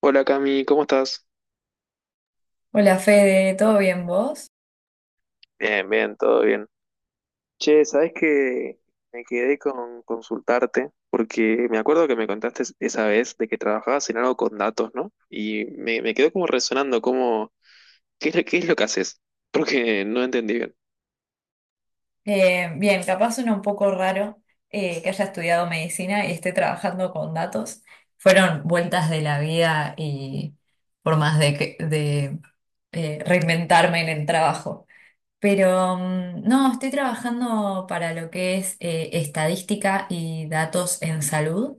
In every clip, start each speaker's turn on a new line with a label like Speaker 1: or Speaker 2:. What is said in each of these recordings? Speaker 1: Hola Cami, ¿cómo estás?
Speaker 2: Hola Fede, ¿todo bien vos?
Speaker 1: Bien, bien, todo bien. Che, ¿sabés que me quedé con consultarte porque me acuerdo que me contaste esa vez de que trabajabas en algo con datos, ¿no? Y me quedó como resonando, como, ¿qué es, qué es lo que haces? Porque no entendí bien.
Speaker 2: Bien, capaz suena un poco raro que haya estudiado medicina y esté trabajando con datos. Fueron vueltas de la vida y formas de, de reinventarme en el trabajo. Pero no, estoy trabajando para lo que es estadística y datos en salud.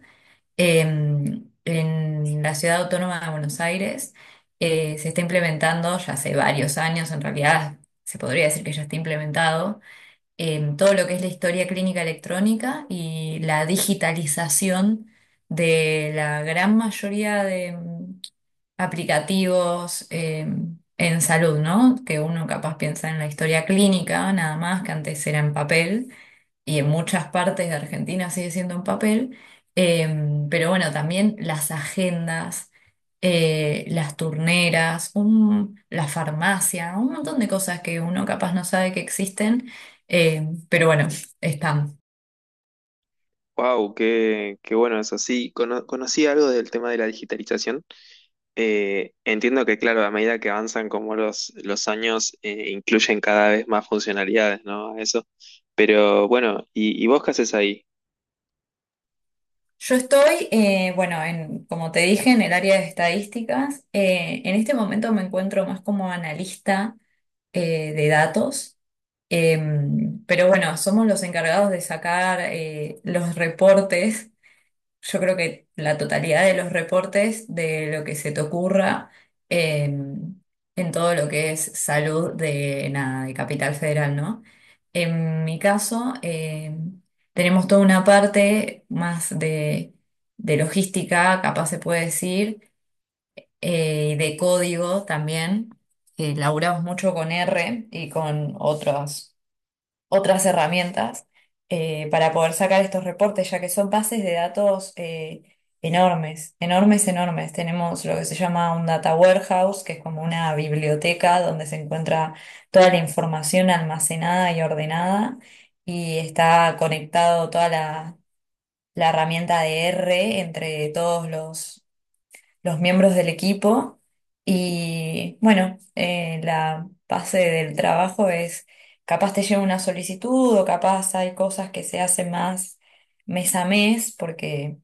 Speaker 2: Em, en la Ciudad Autónoma de Buenos Aires se está implementando ya hace varios años, en realidad se podría decir que ya está implementado, todo lo que es la historia clínica electrónica y la digitalización de la gran mayoría de aplicativos en salud, ¿no? Que uno capaz piensa en la historia clínica, nada más que antes era en papel y en muchas partes de Argentina sigue siendo en papel, pero bueno, también las agendas, las turneras, la farmacia, un montón de cosas que uno capaz no sabe que existen, pero bueno, están.
Speaker 1: Wow, qué, qué bueno eso. Sí, conocí algo del tema de la digitalización. Entiendo que, claro, a medida que avanzan como los años, incluyen cada vez más funcionalidades, ¿no? A eso. Pero bueno, y vos qué haces ahí?
Speaker 2: Yo estoy, bueno, en, como te dije, en el área de estadísticas. En este momento me encuentro más como analista, de datos. Pero bueno, somos los encargados de sacar los reportes. Yo creo que la totalidad de los reportes de lo que se te ocurra eh, en todo lo que es salud de, nada, de Capital Federal, ¿no? En mi caso, tenemos toda una parte más de logística, capaz se puede decir, de código también. Laburamos mucho con R y con otros otras herramientas para poder sacar estos reportes, ya que son bases de datos enormes, enormes, enormes. Tenemos lo que se llama un data warehouse, que es como una biblioteca donde se encuentra toda la información almacenada y ordenada, y está conectado toda la, la herramienta de R E entre todos los miembros del equipo. Y bueno, la base del trabajo es, capaz te llega una solicitud o capaz hay cosas que se hacen más mes a mes porque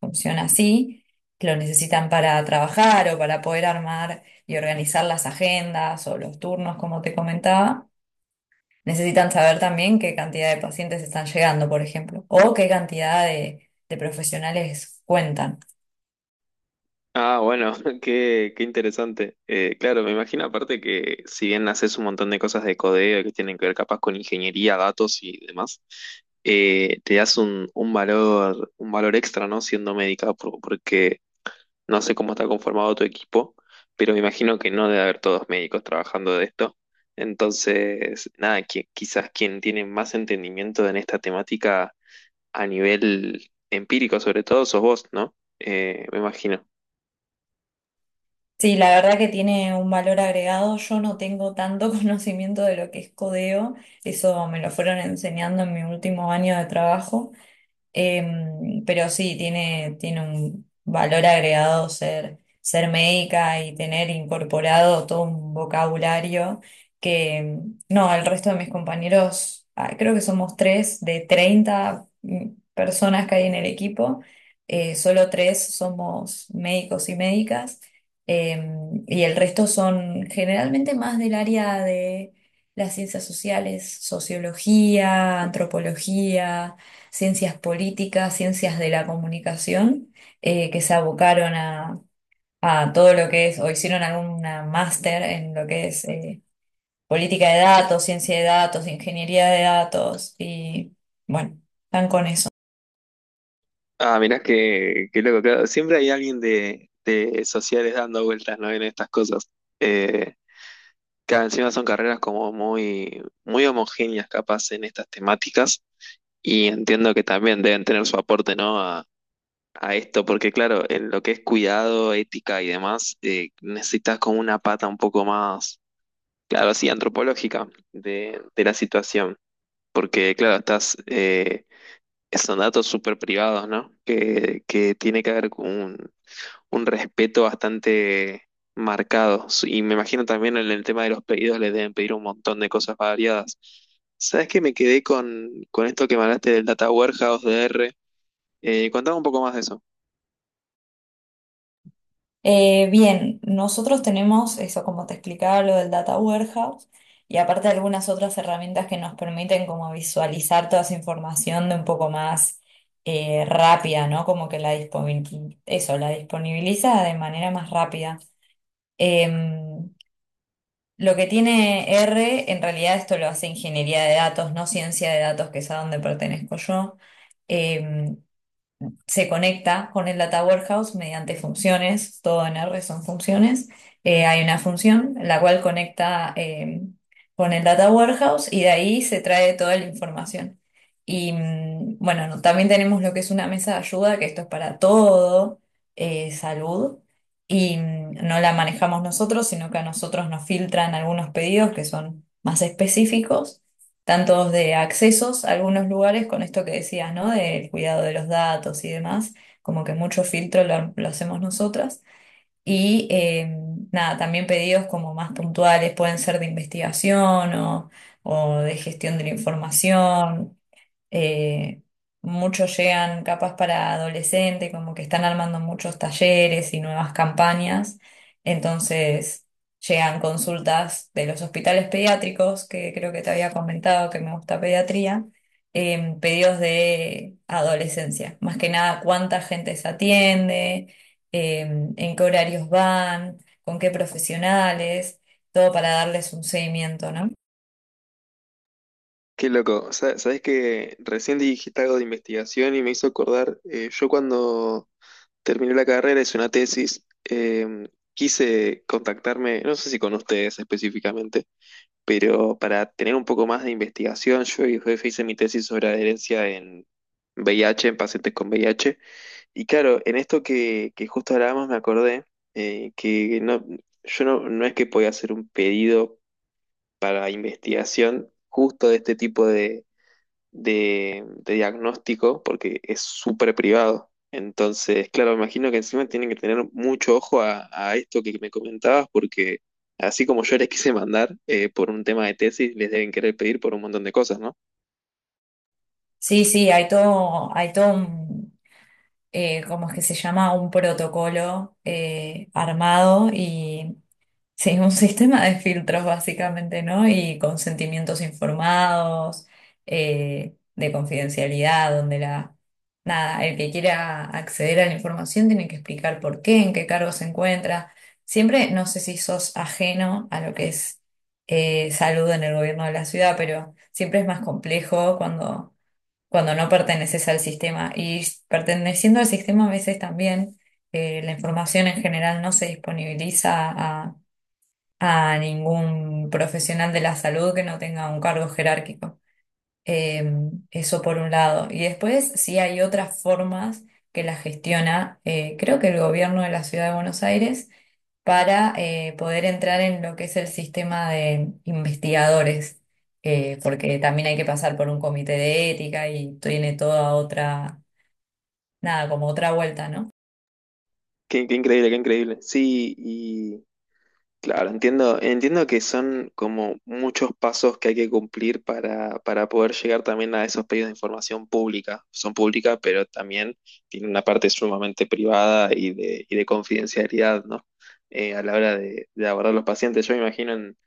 Speaker 2: funciona así, que lo necesitan para trabajar o para poder armar y organizar las agendas o los turnos, como te comentaba. Necesitan saber también qué cantidad de pacientes están llegando, por ejemplo, o qué cantidad de profesionales cuentan.
Speaker 1: Ah, bueno, qué, qué interesante. Claro, me imagino aparte que si bien haces un montón de cosas de codeo que tienen que ver capaz con ingeniería, datos y demás, te das un valor extra, ¿no? Siendo médica, porque no sé cómo está conformado tu equipo, pero me imagino que no debe haber todos médicos trabajando de esto. Entonces, nada, quizás quien tiene más entendimiento en esta temática a nivel empírico, sobre todo, sos vos, ¿no? Me imagino.
Speaker 2: Sí, la verdad que tiene un valor agregado. Yo no tengo tanto conocimiento de lo que es codeo, eso me lo fueron enseñando en mi último año de trabajo. Pero sí, tiene un valor agregado ser, ser médica y tener incorporado todo un vocabulario que, no, al resto de mis compañeros, ah, creo que somos tres de 30 personas que hay en el equipo, solo tres somos médicos y médicas, y el resto son generalmente más del área de las ciencias sociales, sociología, antropología, ciencias políticas, ciencias de la comunicación, que se abocaron a todo lo que es, o hicieron alguna máster en lo que es política de datos, ciencia de datos, ingeniería de datos, y bueno, están con…
Speaker 1: Ah, mirá que loco, claro, siempre hay alguien de sociales dando vueltas, ¿no? En estas cosas. Eh, claro, encima son carreras como muy, muy homogéneas, capaz, en estas temáticas. Y entiendo que también deben tener su aporte, ¿no? A esto, porque claro, en lo que es cuidado, ética y demás, necesitas como una pata un poco más, claro, así, antropológica de la situación. Porque, claro, estás, son datos súper privados, ¿no? Que tiene que haber con un respeto bastante marcado. Y me imagino también en el tema de los pedidos les deben pedir un montón de cosas variadas. ¿Sabes qué? Me quedé con esto que me hablaste del Data Warehouse de R. Contame un poco más de eso.
Speaker 2: Bien, nosotros tenemos eso, como te explicaba, lo del Data Warehouse y aparte algunas otras herramientas que nos permiten como visualizar toda esa información de un poco más rápida, ¿no? Como que la eso, la disponibiliza de manera más rápida. Em, lo que tiene R, en realidad esto lo hace ingeniería de datos, no ciencia de datos, que es a donde pertenezco yo. Em, se conecta con el Data Warehouse mediante funciones, todo en R son funciones. Hay una función la cual conecta con el Data Warehouse y de ahí se trae toda la información. Y bueno, no, también tenemos lo que es una mesa de ayuda, que esto es para todo, salud. Y no la manejamos nosotros, sino que a nosotros nos filtran algunos pedidos que son más específicos tanto de accesos a algunos lugares, con esto que decías, ¿no? Del cuidado de los datos y demás, como que mucho filtro lo hacemos nosotras. Y nada, también pedidos como más puntuales, pueden ser de investigación o de gestión de la información, eh, muchos llegan capaz para adolescente, como que están armando muchos talleres y nuevas campañas. Entonces llegan consultas de los hospitales pediátricos, que creo que te había comentado que me gusta pediatría, pedidos de adolescencia. Más que nada, cuánta gente se atiende, en qué horarios van, con qué profesionales, todo para darles un seguimiento, ¿no?
Speaker 1: Qué loco. ¿Sabes que recién dijiste algo de investigación y me hizo acordar? Yo cuando terminé la carrera hice una tesis. Quise contactarme, no sé si con ustedes específicamente, pero para tener un poco más de investigación, yo y jefe hice mi tesis sobre adherencia en VIH, en pacientes con VIH. Y claro, en esto que justo hablábamos me acordé que no, yo no, no es que podía hacer un pedido para investigación justo de este tipo de diagnóstico porque es súper privado. Entonces, claro, me imagino que encima tienen que tener mucho ojo a esto que me comentabas porque así como yo les quise mandar por un tema de tesis, les deben querer pedir por un montón de cosas, ¿no?
Speaker 2: Sí, sí, hay todo un ¿cómo es que se llama? Un protocolo armado y sí, un sistema de filtros básicamente, ¿no? Y consentimientos informados, de confidencialidad, donde la, nada, el que quiera acceder a la información tiene que explicar por qué, en qué cargo se encuentra. Siempre, no sé si sos ajeno a lo que es salud en el gobierno de la ciudad, pero siempre es más complejo cuando no perteneces al sistema. Y perteneciendo al sistema a veces también la información en general no se disponibiliza a ningún profesional de la salud que no tenga un cargo jerárquico. Eh, eso por un lado. Y después sí hay otras formas que la gestiona, creo que el gobierno de la Ciudad de Buenos Aires, para poder entrar en lo que es el sistema de investigadores, porque también hay que pasar por un comité de ética y tiene toda otra, nada, como otra vuelta, ¿no?
Speaker 1: Qué, qué increíble, qué increíble. Sí, claro, entiendo, entiendo que son como muchos pasos que hay que cumplir para poder llegar también a esos pedidos de información pública. Son públicas, pero también tienen una parte sumamente privada y de confidencialidad, ¿no? A la hora de abordar los pacientes. Yo me imagino en,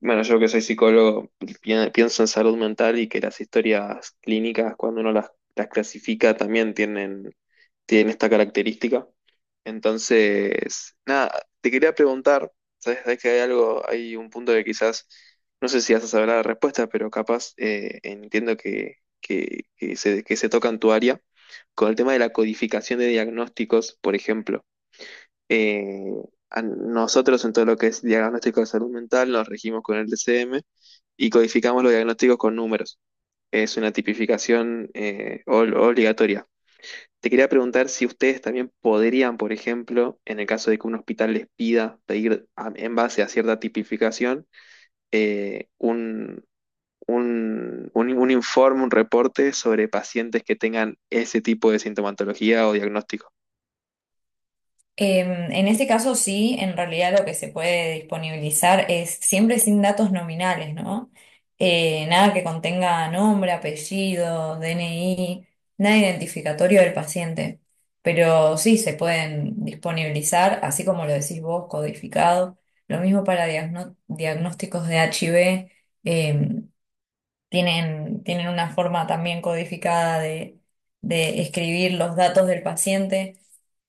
Speaker 1: bueno, yo que soy psicólogo, pienso en salud mental y que las historias clínicas, cuando uno las clasifica, también tienen, tienen esta característica. Entonces, nada, te quería preguntar, ¿sabés que hay algo, hay un punto que quizás, no sé si vas a saber la respuesta, pero capaz entiendo que se toca en tu área, con el tema de la codificación de diagnósticos, por ejemplo? Eh, a nosotros en todo lo que es diagnóstico de salud mental nos regimos con el DCM y codificamos los diagnósticos con números. Es una tipificación obligatoria. Te quería preguntar si ustedes también podrían, por ejemplo, en el caso de que un hospital les pida pedir en base a cierta tipificación, un, un informe, un reporte sobre pacientes que tengan ese tipo de sintomatología o diagnóstico.
Speaker 2: Em, en este caso sí, en realidad lo que se puede disponibilizar es siempre sin datos nominales, ¿no? Nada que contenga nombre, apellido, DNI, nada identificatorio del paciente. Pero sí se pueden disponibilizar, así como lo decís vos, codificado. Lo mismo para diagnósticos de HIV, em, tienen, tienen una forma también codificada de escribir los datos del paciente.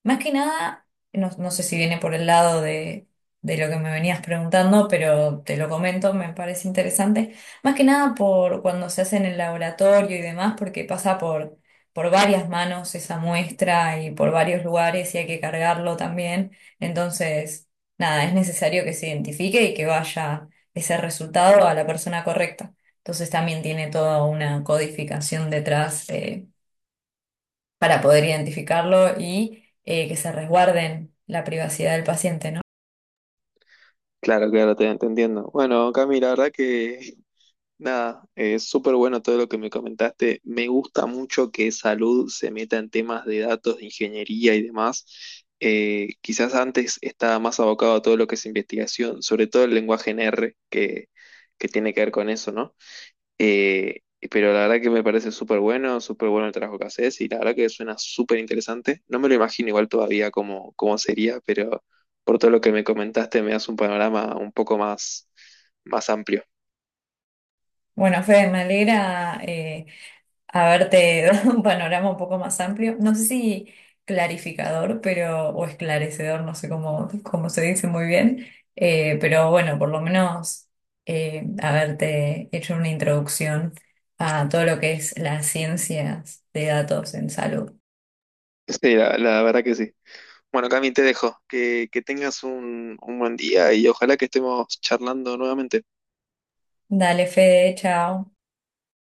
Speaker 2: Más que nada, no, no sé si viene por el lado de lo que me venías preguntando, pero te lo comento, me parece interesante. Más que nada por cuando se hace en el laboratorio y demás, porque pasa por varias manos esa muestra y por varios lugares y hay que cargarlo también. Entonces, nada, es necesario que se identifique y que vaya ese resultado a la persona correcta. Entonces también tiene toda una codificación detrás. Para poder identificarlo y que se resguarden la privacidad del paciente, ¿no?
Speaker 1: Claro, claro, te entiendo. Bueno, Cami, la verdad que nada, es súper bueno todo lo que me comentaste. Me gusta mucho que salud se meta en temas de datos, de ingeniería y demás. Quizás antes estaba más abocado a todo lo que es investigación, sobre todo el lenguaje en R, que tiene que ver con eso, ¿no? Eh, pero la verdad que me parece súper bueno el trabajo que haces y la verdad que suena súper interesante. No me lo imagino igual todavía cómo, cómo sería, pero por todo lo que me comentaste me das un panorama un poco más, más amplio.
Speaker 2: Bueno, Fede, me alegra haberte dado un panorama un poco más amplio. No sé si clarificador, pero, o esclarecedor, no sé cómo, cómo se dice muy bien, pero bueno, por lo menos haberte hecho una introducción a todo lo que es las ciencias de datos en salud.
Speaker 1: Sí, la la verdad que sí. Bueno, Cami, te dejo. Que tengas un buen día y ojalá que estemos charlando nuevamente.
Speaker 2: Dale, Fede, chao.